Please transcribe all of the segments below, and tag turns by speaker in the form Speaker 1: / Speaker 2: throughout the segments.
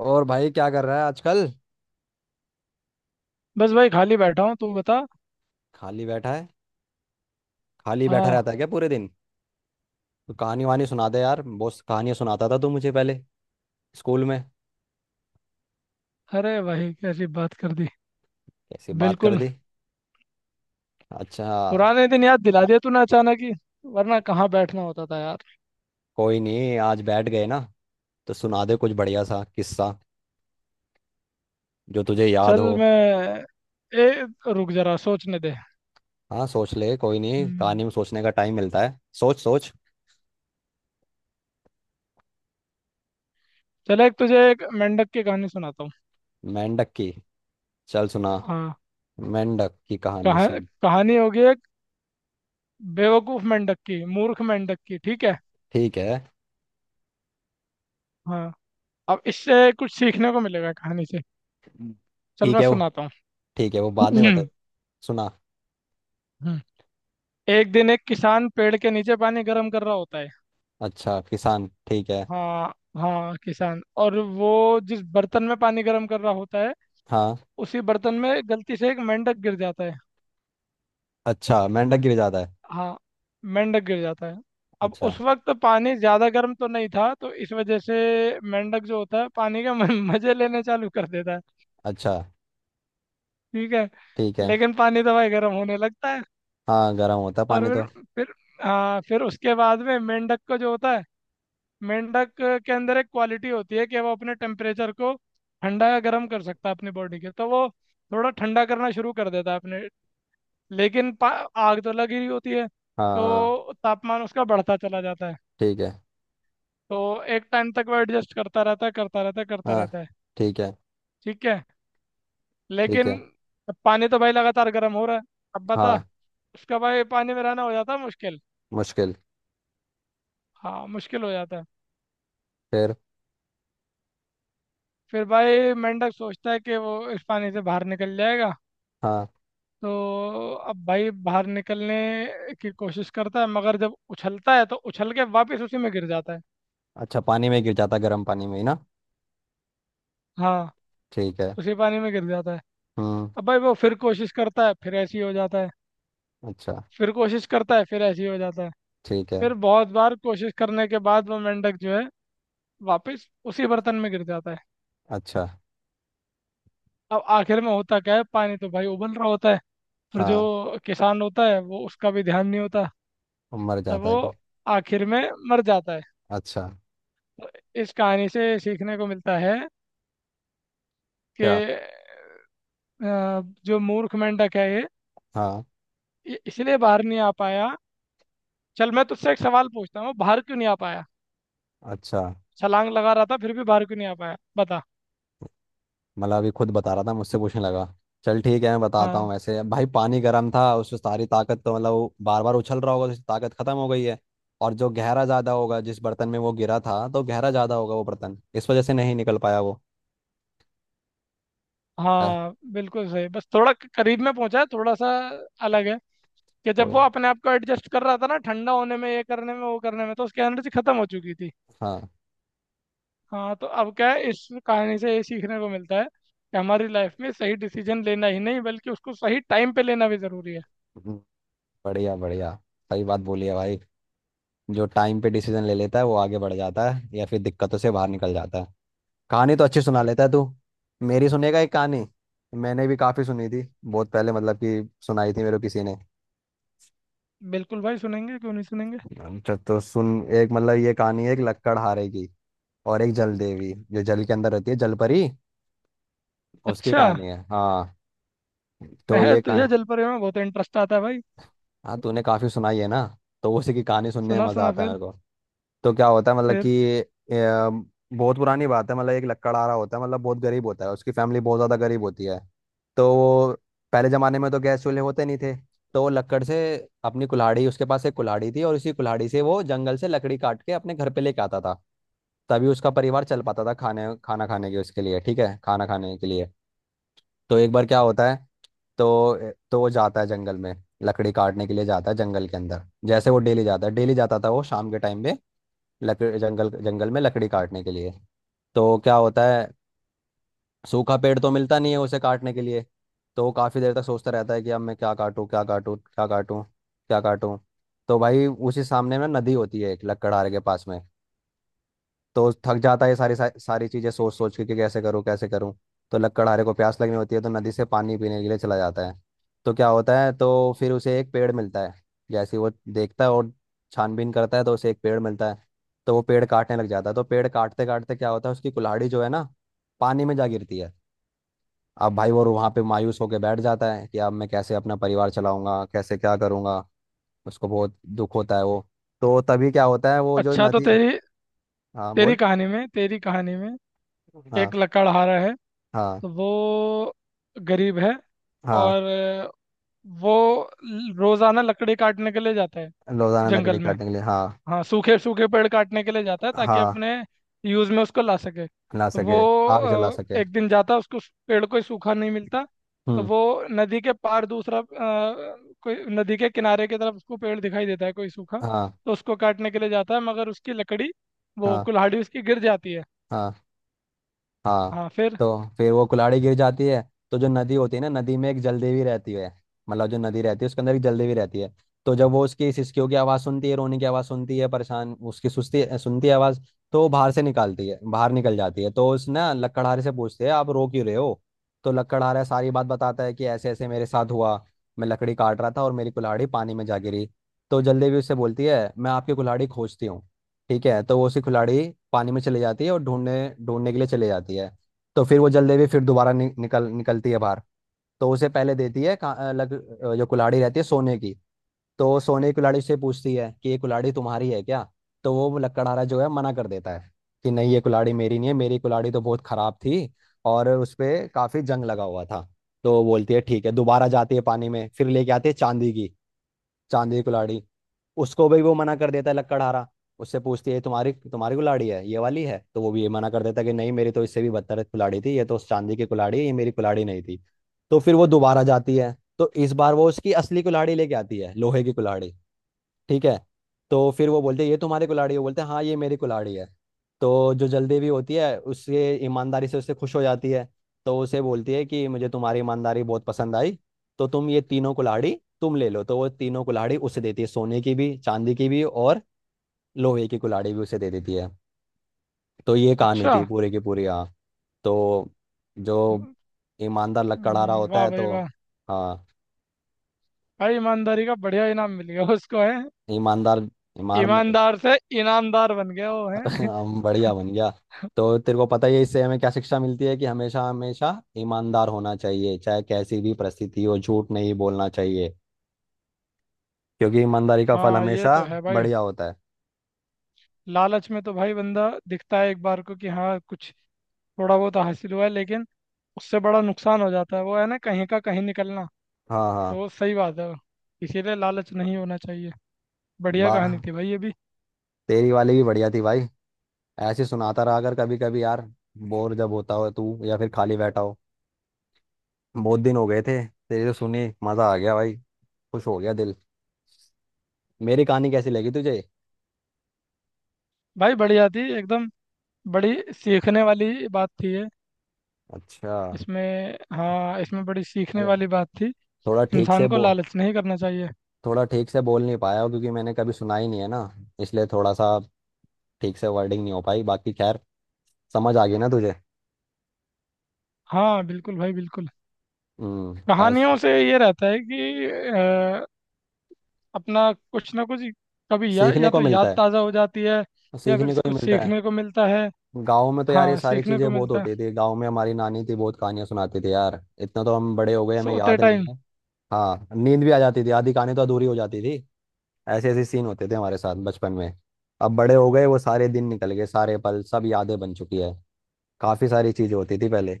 Speaker 1: और भाई क्या कर रहा है आजकल।
Speaker 2: बस भाई खाली बैठा हूँ, तू बता।
Speaker 1: खाली बैठा है। खाली बैठा
Speaker 2: हाँ।
Speaker 1: रहता है क्या पूरे दिन? तो कहानी वानी सुना दे यार, बहुत कहानियां सुनाता था तू मुझे पहले, स्कूल में।
Speaker 2: अरे भाई कैसी बात कर दी।
Speaker 1: कैसी बात कर
Speaker 2: बिल्कुल।
Speaker 1: दी। अच्छा।
Speaker 2: पुराने दिन याद दिला दिया तूने अचानक ही। वरना कहाँ बैठना होता था यार।
Speaker 1: कोई नहीं, आज बैठ गए ना, तो सुना दे कुछ बढ़िया सा किस्सा जो तुझे याद
Speaker 2: चल
Speaker 1: हो।
Speaker 2: मैं, ए, रुक जरा सोचने दे।
Speaker 1: हाँ, सोच ले, कोई नहीं,
Speaker 2: हम्म,
Speaker 1: कहानी में सोचने का टाइम मिलता है, सोच सोच।
Speaker 2: चल एक तुझे एक मेंढक की कहानी सुनाता हूँ।
Speaker 1: मेंढक की? चल सुना।
Speaker 2: हाँ।
Speaker 1: मेंढक की कहानी
Speaker 2: कहा,
Speaker 1: सुन।
Speaker 2: कहानी होगी एक बेवकूफ मेंढक की, मूर्ख मेंढक की। ठीक है।
Speaker 1: ठीक है।
Speaker 2: हाँ। अब इससे कुछ सीखने को मिलेगा कहानी से।
Speaker 1: हम्म।
Speaker 2: चल
Speaker 1: ठीक
Speaker 2: मैं
Speaker 1: है वो
Speaker 2: सुनाता
Speaker 1: ठीक है वो बाद में बता।
Speaker 2: हूँ।
Speaker 1: सुना।
Speaker 2: हम्म, एक दिन एक किसान पेड़ के नीचे पानी गर्म कर रहा होता है।
Speaker 1: अच्छा, किसान, ठीक है।
Speaker 2: हाँ। हाँ किसान, और वो जिस बर्तन में पानी गर्म कर रहा होता है
Speaker 1: हाँ।
Speaker 2: उसी बर्तन में गलती से एक मेंढक गिर जाता है।
Speaker 1: अच्छा, मेंढक गिर जाता है।
Speaker 2: हाँ, मेंढक गिर जाता है। अब
Speaker 1: अच्छा।
Speaker 2: उस वक्त पानी ज़्यादा गर्म तो नहीं था, तो इस वजह से मेंढक जो होता है पानी के मजे लेने चालू कर देता है।
Speaker 1: अच्छा।
Speaker 2: ठीक है।
Speaker 1: ठीक है।
Speaker 2: लेकिन पानी तो भाई गर्म होने लगता है।
Speaker 1: हाँ, गर्म होता है
Speaker 2: और
Speaker 1: पानी तो।
Speaker 2: फिर, फिर हाँ फिर उसके बाद में मेंढक को जो होता है, मेंढक के अंदर एक क्वालिटी होती है कि वो अपने टेम्परेचर को ठंडा या गर्म कर सकता है अपनी बॉडी के, तो वो थोड़ा ठंडा करना शुरू कर देता है अपने। लेकिन आग तो लगी रही होती है
Speaker 1: हाँ हाँ।
Speaker 2: तो तापमान उसका बढ़ता चला जाता है।
Speaker 1: ठीक है।
Speaker 2: तो एक टाइम तक वो एडजस्ट करता रहता है, करता रहता है, करता
Speaker 1: हाँ।
Speaker 2: रहता है।
Speaker 1: ठीक है।
Speaker 2: ठीक है।
Speaker 1: ठीक
Speaker 2: लेकिन
Speaker 1: है।
Speaker 2: अब पानी तो भाई लगातार गर्म हो रहा है। अब बता,
Speaker 1: हाँ।
Speaker 2: उसका भाई पानी में रहना हो जाता है मुश्किल।
Speaker 1: मुश्किल।
Speaker 2: हाँ, मुश्किल हो जाता है।
Speaker 1: फिर?
Speaker 2: फिर भाई मेंढक सोचता है कि वो इस पानी से बाहर निकल जाएगा।
Speaker 1: हाँ।
Speaker 2: तो अब भाई बाहर निकलने की कोशिश करता है, मगर जब उछलता है तो उछल के वापस उसी में गिर जाता है।
Speaker 1: अच्छा, पानी में गिर जाता है, गर्म पानी में ही ना।
Speaker 2: हाँ,
Speaker 1: ठीक है।
Speaker 2: उसी पानी में गिर जाता है।
Speaker 1: हम्म।
Speaker 2: अब भाई वो फिर कोशिश करता है, फिर ऐसे ही हो जाता है।
Speaker 1: अच्छा।
Speaker 2: फिर कोशिश करता है, फिर ऐसे ही हो जाता है।
Speaker 1: ठीक है।
Speaker 2: फिर बहुत बार कोशिश करने के बाद वो मेंढक जो है, वापस उसी बर्तन में गिर जाता है।
Speaker 1: अच्छा।
Speaker 2: अब आखिर में होता क्या है, पानी तो भाई उबल रहा होता है और
Speaker 1: हाँ।
Speaker 2: जो किसान होता है वो उसका भी ध्यान नहीं होता।
Speaker 1: मर
Speaker 2: तो
Speaker 1: जाता
Speaker 2: वो
Speaker 1: है कि?
Speaker 2: आखिर में मर जाता है।
Speaker 1: अच्छा।
Speaker 2: तो इस कहानी से सीखने को मिलता है कि
Speaker 1: क्या?
Speaker 2: जो मूर्ख मेंढक है ये
Speaker 1: हाँ।
Speaker 2: ये इसलिए बाहर नहीं आ पाया। चल मैं तुझसे एक सवाल पूछता हूँ, बाहर क्यों नहीं आ पाया?
Speaker 1: अच्छा।
Speaker 2: छलांग लगा रहा था फिर भी बाहर क्यों नहीं आ पाया, बता।
Speaker 1: मतलब अभी खुद बता रहा था, मुझसे पूछने लगा। चल ठीक है, मैं बताता हूँ,
Speaker 2: हाँ,
Speaker 1: वैसे भाई पानी गर्म था उससे सारी ताकत तो मतलब वो बार बार उछल रहा होगा तो उसकी ताकत खत्म हो गई है। और जो गहरा ज़्यादा होगा जिस बर्तन में वो गिरा था, तो गहरा ज़्यादा होगा वो बर्तन, इस वजह से नहीं निकल पाया वो। अ,
Speaker 2: हाँ बिल्कुल सही। बस थोड़ा करीब में पहुंचा है, थोड़ा सा अलग है। कि जब
Speaker 1: कोई।
Speaker 2: वो अपने आप को एडजस्ट कर रहा था ना, ठंडा होने में, ये करने में, वो करने में, तो उसकी एनर्जी खत्म हो चुकी थी।
Speaker 1: हाँ।
Speaker 2: हाँ। तो अब क्या है, इस कहानी से ये सीखने को मिलता है कि हमारी लाइफ में सही डिसीजन लेना ही नहीं बल्कि उसको सही टाइम पे लेना भी जरूरी है।
Speaker 1: हम्म, बढ़िया बढ़िया। सही बात बोली है भाई। जो टाइम पे डिसीजन ले लेता है वो आगे बढ़ जाता है, या फिर दिक्कतों से बाहर निकल जाता है। कहानी तो अच्छी सुना लेता है तू। मेरी सुनेगा एक कहानी? मैंने भी काफ़ी सुनी थी बहुत पहले, मतलब कि सुनाई थी मेरे को किसी ने।
Speaker 2: बिल्कुल भाई, सुनेंगे क्यों नहीं सुनेंगे।
Speaker 1: अच्छा तो सुन। एक, मतलब ये कहानी है एक लक्कड़हारे की। और एक जल देवी जो जल के अंदर रहती है, जलपरी। उसकी
Speaker 2: अच्छा,
Speaker 1: कहानी है, हाँ। तो
Speaker 2: मैं
Speaker 1: ये कहानी।
Speaker 2: तुझे जलपरी में बहुत इंटरेस्ट आता है भाई।
Speaker 1: हाँ, तूने काफी सुनाई है ना। तो उसी की कहानी सुनने
Speaker 2: सुना
Speaker 1: में मजा
Speaker 2: सुना
Speaker 1: आता है
Speaker 2: फिर।
Speaker 1: मेरे को। तो क्या होता है, मतलब
Speaker 2: फिर
Speaker 1: कि बहुत पुरानी बात है, मतलब एक लकड़हारा होता है, मतलब बहुत गरीब होता है, उसकी फैमिली बहुत ज़्यादा गरीब होती है। तो वो, पहले ज़माने में तो गैस चूल्हे होते नहीं थे। तो वो लकड़ से, अपनी कुल्हाड़ी, उसके पास एक कुल्हाड़ी थी, और इसी कुल्हाड़ी से वो जंगल से लकड़ी काट के अपने घर पे लेके आता था। तभी उसका परिवार चल पाता था खाने, खाना खाने के उसके लिए, ठीक है, खाना खाने के लिए। तो एक बार क्या होता है, तो वो जाता है जंगल में, लकड़ी काटने के लिए जाता है जंगल के अंदर। जैसे वो डेली जाता है, डेली जाता था वो शाम के टाइम में, लकड़ी जंगल जंगल में लकड़ी काटने के लिए। तो क्या होता है, सूखा पेड़ तो मिलता नहीं है उसे काटने के लिए। तो वो काफ़ी देर तक सोचता रहता है कि अब मैं क्या काटूं क्या काटूं क्या काटूं क्या काटूं। तो भाई उसी सामने में नदी होती है, एक लकड़हारे के पास में। तो थक जाता है ये सारी सारी सारी चीजें सोच सोच के कि कैसे करूँ कैसे करूँ। तो लकड़हारे को प्यास लगनी होती है, तो नदी से पानी पीने के लिए चला जाता है। तो क्या होता है, तो फिर उसे एक पेड़ मिलता है। जैसे ही वो देखता है और छानबीन करता है, तो उसे एक पेड़ मिलता है। तो वो पेड़ काटने लग जाता है, तो पेड़ काटते काटते क्या होता है, उसकी कुल्हाड़ी जो है ना, पानी में जा गिरती है। अब भाई वो वहाँ पे मायूस होकर बैठ जाता है कि अब मैं कैसे अपना परिवार चलाऊंगा, कैसे क्या करूंगा। उसको बहुत दुख होता है वो। तो तभी क्या होता है, वो जो
Speaker 2: अच्छा। तो
Speaker 1: नदी।
Speaker 2: तेरी
Speaker 1: हाँ बोल।
Speaker 2: तेरी कहानी में
Speaker 1: हम्म। हाँ।
Speaker 2: एक लकड़हारा है।
Speaker 1: हाँ।
Speaker 2: तो वो गरीब है।
Speaker 1: हाँ।
Speaker 2: और वो रोजाना लकड़ी काटने के लिए जाता है
Speaker 1: रोजाना
Speaker 2: जंगल
Speaker 1: लकड़ी
Speaker 2: में।
Speaker 1: काटने के लिए, हाँ।
Speaker 2: हाँ, सूखे सूखे पेड़ काटने के लिए जाता है ताकि
Speaker 1: हाँ।
Speaker 2: अपने यूज में उसको ला सके।
Speaker 1: ला
Speaker 2: तो वो
Speaker 1: सके, आग जला सके।
Speaker 2: एक दिन जाता, उसको उस पेड़ कोई सूखा नहीं मिलता। तो
Speaker 1: हम्म।
Speaker 2: वो नदी के पार दूसरा, कोई नदी के किनारे की तरफ उसको पेड़ दिखाई देता है कोई सूखा।
Speaker 1: हाँ।
Speaker 2: तो उसको काटने के लिए जाता है, मगर उसकी लकड़ी, वो
Speaker 1: हाँ।
Speaker 2: कुल्हाड़ी उसकी गिर जाती है।
Speaker 1: हाँ। हाँ।
Speaker 2: हाँ फिर।
Speaker 1: तो फिर वो कुल्हाड़ी गिर जाती है। तो जो नदी होती है ना, नदी में एक जलदेवी रहती है। मतलब जो नदी रहती है उसके अंदर एक जलदेवी रहती है। तो जब वो उसकी सिसकियों की आवाज़ सुनती है, रोने की आवाज़ सुनती है, परेशान उसकी सुस्ती सुनती है आवाज़। तो वो बाहर से निकालती है, बाहर निकल जाती है, तो उस ना लकड़हारे से पूछते हैं, आप रो क्यों रहे हो? तो लकड़हारा सारी बात बताता है कि ऐसे ऐसे मेरे साथ हुआ, मैं लकड़ी काट रहा था और मेरी कुल्हाड़ी पानी में जा गिरी। तो जलदेवी उससे बोलती है, मैं आपकी कुल्हाड़ी खोजती हूँ, ठीक है। तो वो उसकी खिलाड़ी पानी में चली जाती है और ढूंढने ढूंढने के लिए चली जाती है। तो फिर वो जल्दी भी फिर दोबारा नि, निकल निकलती है बाहर। तो उसे पहले देती है का- अ, लग अ, जो कुल्हाड़ी रहती है सोने की। तो सोने की कुल्हाड़ी से पूछती है कि ये कुल्हाड़ी तुम्हारी है क्या? तो वो लकड़हारा जो है मना कर देता है कि नहीं, ये कुल्हाड़ी मेरी नहीं है, मेरी कुल्हाड़ी तो बहुत खराब थी और उस पे काफी जंग लगा हुआ था। तो बोलती है ठीक है, दोबारा जाती है पानी में, फिर लेके आती है चांदी की, चांदी की कुल्हाड़ी। उसको भी वो मना कर देता है लकड़हारा। उससे पूछती है तुम्हारी तुम्हारी कुल्हाड़ी है ये वाली है? तो वो भी ये मना कर देता है कि नहीं, मेरी तो इससे भी बदतर कुल्हाड़ी थी, ये तो चांदी की कुल्हाड़ी है, ये मेरी कुल्हाड़ी नहीं थी। तो फिर वो दोबारा जाती है, तो इस बार वो उसकी असली कुल्हाड़ी लेके आती है, लोहे की कुल्हाड़ी। ठीक है। तो फिर वो बोलते हैं ये तुम्हारी कुल्हाड़ी है, बोलते हैं हाँ ये मेरी कुल्हाड़ी है। तो जो जल्दीवी होती है उससे ईमानदारी से उससे खुश हो जाती है। तो उसे बोलती है कि मुझे तुम्हारी ईमानदारी बहुत पसंद आई, तो तुम ये तीनों कुल्हाड़ी तुम ले लो। तो वो तीनों कुल्हाड़ी उसे देती है, सोने की भी, चांदी की भी, और लोहे की कुल्हाड़ी भी उसे दे देती है। तो ये कहानी
Speaker 2: अच्छा।
Speaker 1: थी पूरी की पूरी, हाँ। तो जो ईमानदार लकड़हारा होता
Speaker 2: वाह
Speaker 1: है
Speaker 2: भाई
Speaker 1: तो,
Speaker 2: वाह।
Speaker 1: हाँ।
Speaker 2: भाई ईमानदारी का बढ़िया इनाम मिल गया उसको है।
Speaker 1: ईमानदार, ईमान,
Speaker 2: ईमानदार से ईनामदार बन गया वो है।
Speaker 1: हम, बढ़िया बन गया। तो तेरे को पता ही है इससे हमें क्या शिक्षा मिलती है कि हमेशा हमेशा ईमानदार होना चाहिए, चाहे कैसी भी परिस्थिति हो, झूठ नहीं बोलना चाहिए। क्योंकि ईमानदारी का फल
Speaker 2: हाँ, ये
Speaker 1: हमेशा
Speaker 2: तो है भाई।
Speaker 1: बढ़िया होता है।
Speaker 2: लालच में तो भाई बंदा दिखता है एक बार को कि हाँ कुछ थोड़ा बहुत हासिल हुआ है, लेकिन उससे बड़ा नुकसान हो जाता है, वो है ना, कहीं का कहीं निकलना।
Speaker 1: हाँ हाँ।
Speaker 2: तो सही बात है वो। इसीलिए लालच नहीं होना चाहिए। बढ़िया
Speaker 1: बा
Speaker 2: कहानी थी भाई ये भी।
Speaker 1: तेरी वाली भी बढ़िया थी भाई। ऐसे सुनाता रहा अगर कभी कभी यार, बोर जब होता हो तू या फिर खाली बैठा हो। बहुत दिन हो गए थे, तेरी तो सुनी मजा आ गया भाई, खुश हो गया दिल। मेरी कहानी कैसी लगी तुझे?
Speaker 2: भाई बढ़िया थी एकदम। बड़ी सीखने वाली बात थी ये।
Speaker 1: अच्छा।
Speaker 2: इसमें, हाँ, इसमें बड़ी सीखने
Speaker 1: अरे,
Speaker 2: वाली बात थी।
Speaker 1: थोड़ा ठीक
Speaker 2: इंसान
Speaker 1: से
Speaker 2: को
Speaker 1: बो
Speaker 2: लालच नहीं करना चाहिए।
Speaker 1: थोड़ा ठीक से बोल नहीं पाया हूँ, क्योंकि मैंने कभी सुना ही नहीं है ना, इसलिए थोड़ा सा ठीक से वर्डिंग नहीं हो पाई, बाकी खैर। समझ आ गई ना तुझे?
Speaker 2: हाँ बिल्कुल भाई, बिल्कुल।
Speaker 1: हम्म। ऐस
Speaker 2: कहानियों से ये रहता है कि अपना कुछ ना कुछ कभी
Speaker 1: सीखने
Speaker 2: या
Speaker 1: को
Speaker 2: तो
Speaker 1: मिलता
Speaker 2: याद
Speaker 1: है,
Speaker 2: ताज़ा हो जाती है या फिर
Speaker 1: सीखने को ही
Speaker 2: कुछ
Speaker 1: मिलता है।
Speaker 2: सीखने को मिलता है।
Speaker 1: गाँव में तो यार ये
Speaker 2: हाँ,
Speaker 1: सारी
Speaker 2: सीखने को
Speaker 1: चीज़ें बहुत
Speaker 2: मिलता है,
Speaker 1: होती थी, गाँव में हमारी नानी थी बहुत कहानियाँ सुनाती थी यार, इतना तो हम बड़े हो गए हमें
Speaker 2: सोते
Speaker 1: याद नहीं
Speaker 2: टाइम।
Speaker 1: है। हाँ, नींद भी आ जाती थी, आधी कहानी तो अधूरी हो जाती थी। ऐसे ऐसे सीन होते थे हमारे साथ बचपन में। अब बड़े हो गए, वो सारे दिन निकल गए, सारे पल सब यादें बन चुकी है। काफ़ी सारी चीज़ें होती थी पहले।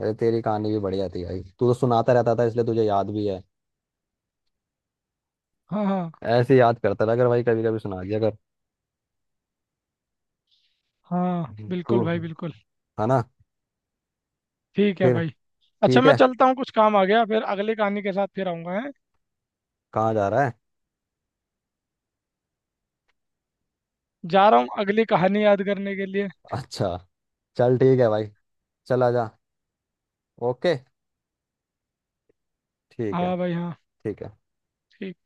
Speaker 1: अरे, तेरी कहानी भी बढ़िया थी भाई, तू तो सुनाता रहता था इसलिए तुझे याद भी है।
Speaker 2: हाँ, हाँ।
Speaker 1: ऐसे याद करता रहा कर भाई, कभी कभी सुना दिया कर
Speaker 2: हाँ
Speaker 1: तू,
Speaker 2: बिल्कुल भाई, बिल्कुल।
Speaker 1: है ना?
Speaker 2: ठीक है
Speaker 1: फिर,
Speaker 2: भाई। अच्छा,
Speaker 1: ठीक
Speaker 2: मैं
Speaker 1: है।
Speaker 2: चलता हूँ, कुछ काम आ गया, फिर अगली कहानी के साथ फिर आऊँगा है।
Speaker 1: कहाँ जा रहा है?
Speaker 2: जा रहा हूँ अगली कहानी याद करने के लिए।
Speaker 1: अच्छा, चल ठीक है भाई, चला जा। ओके, ठीक है,
Speaker 2: हाँ भाई हाँ।
Speaker 1: ठीक है।
Speaker 2: ठीक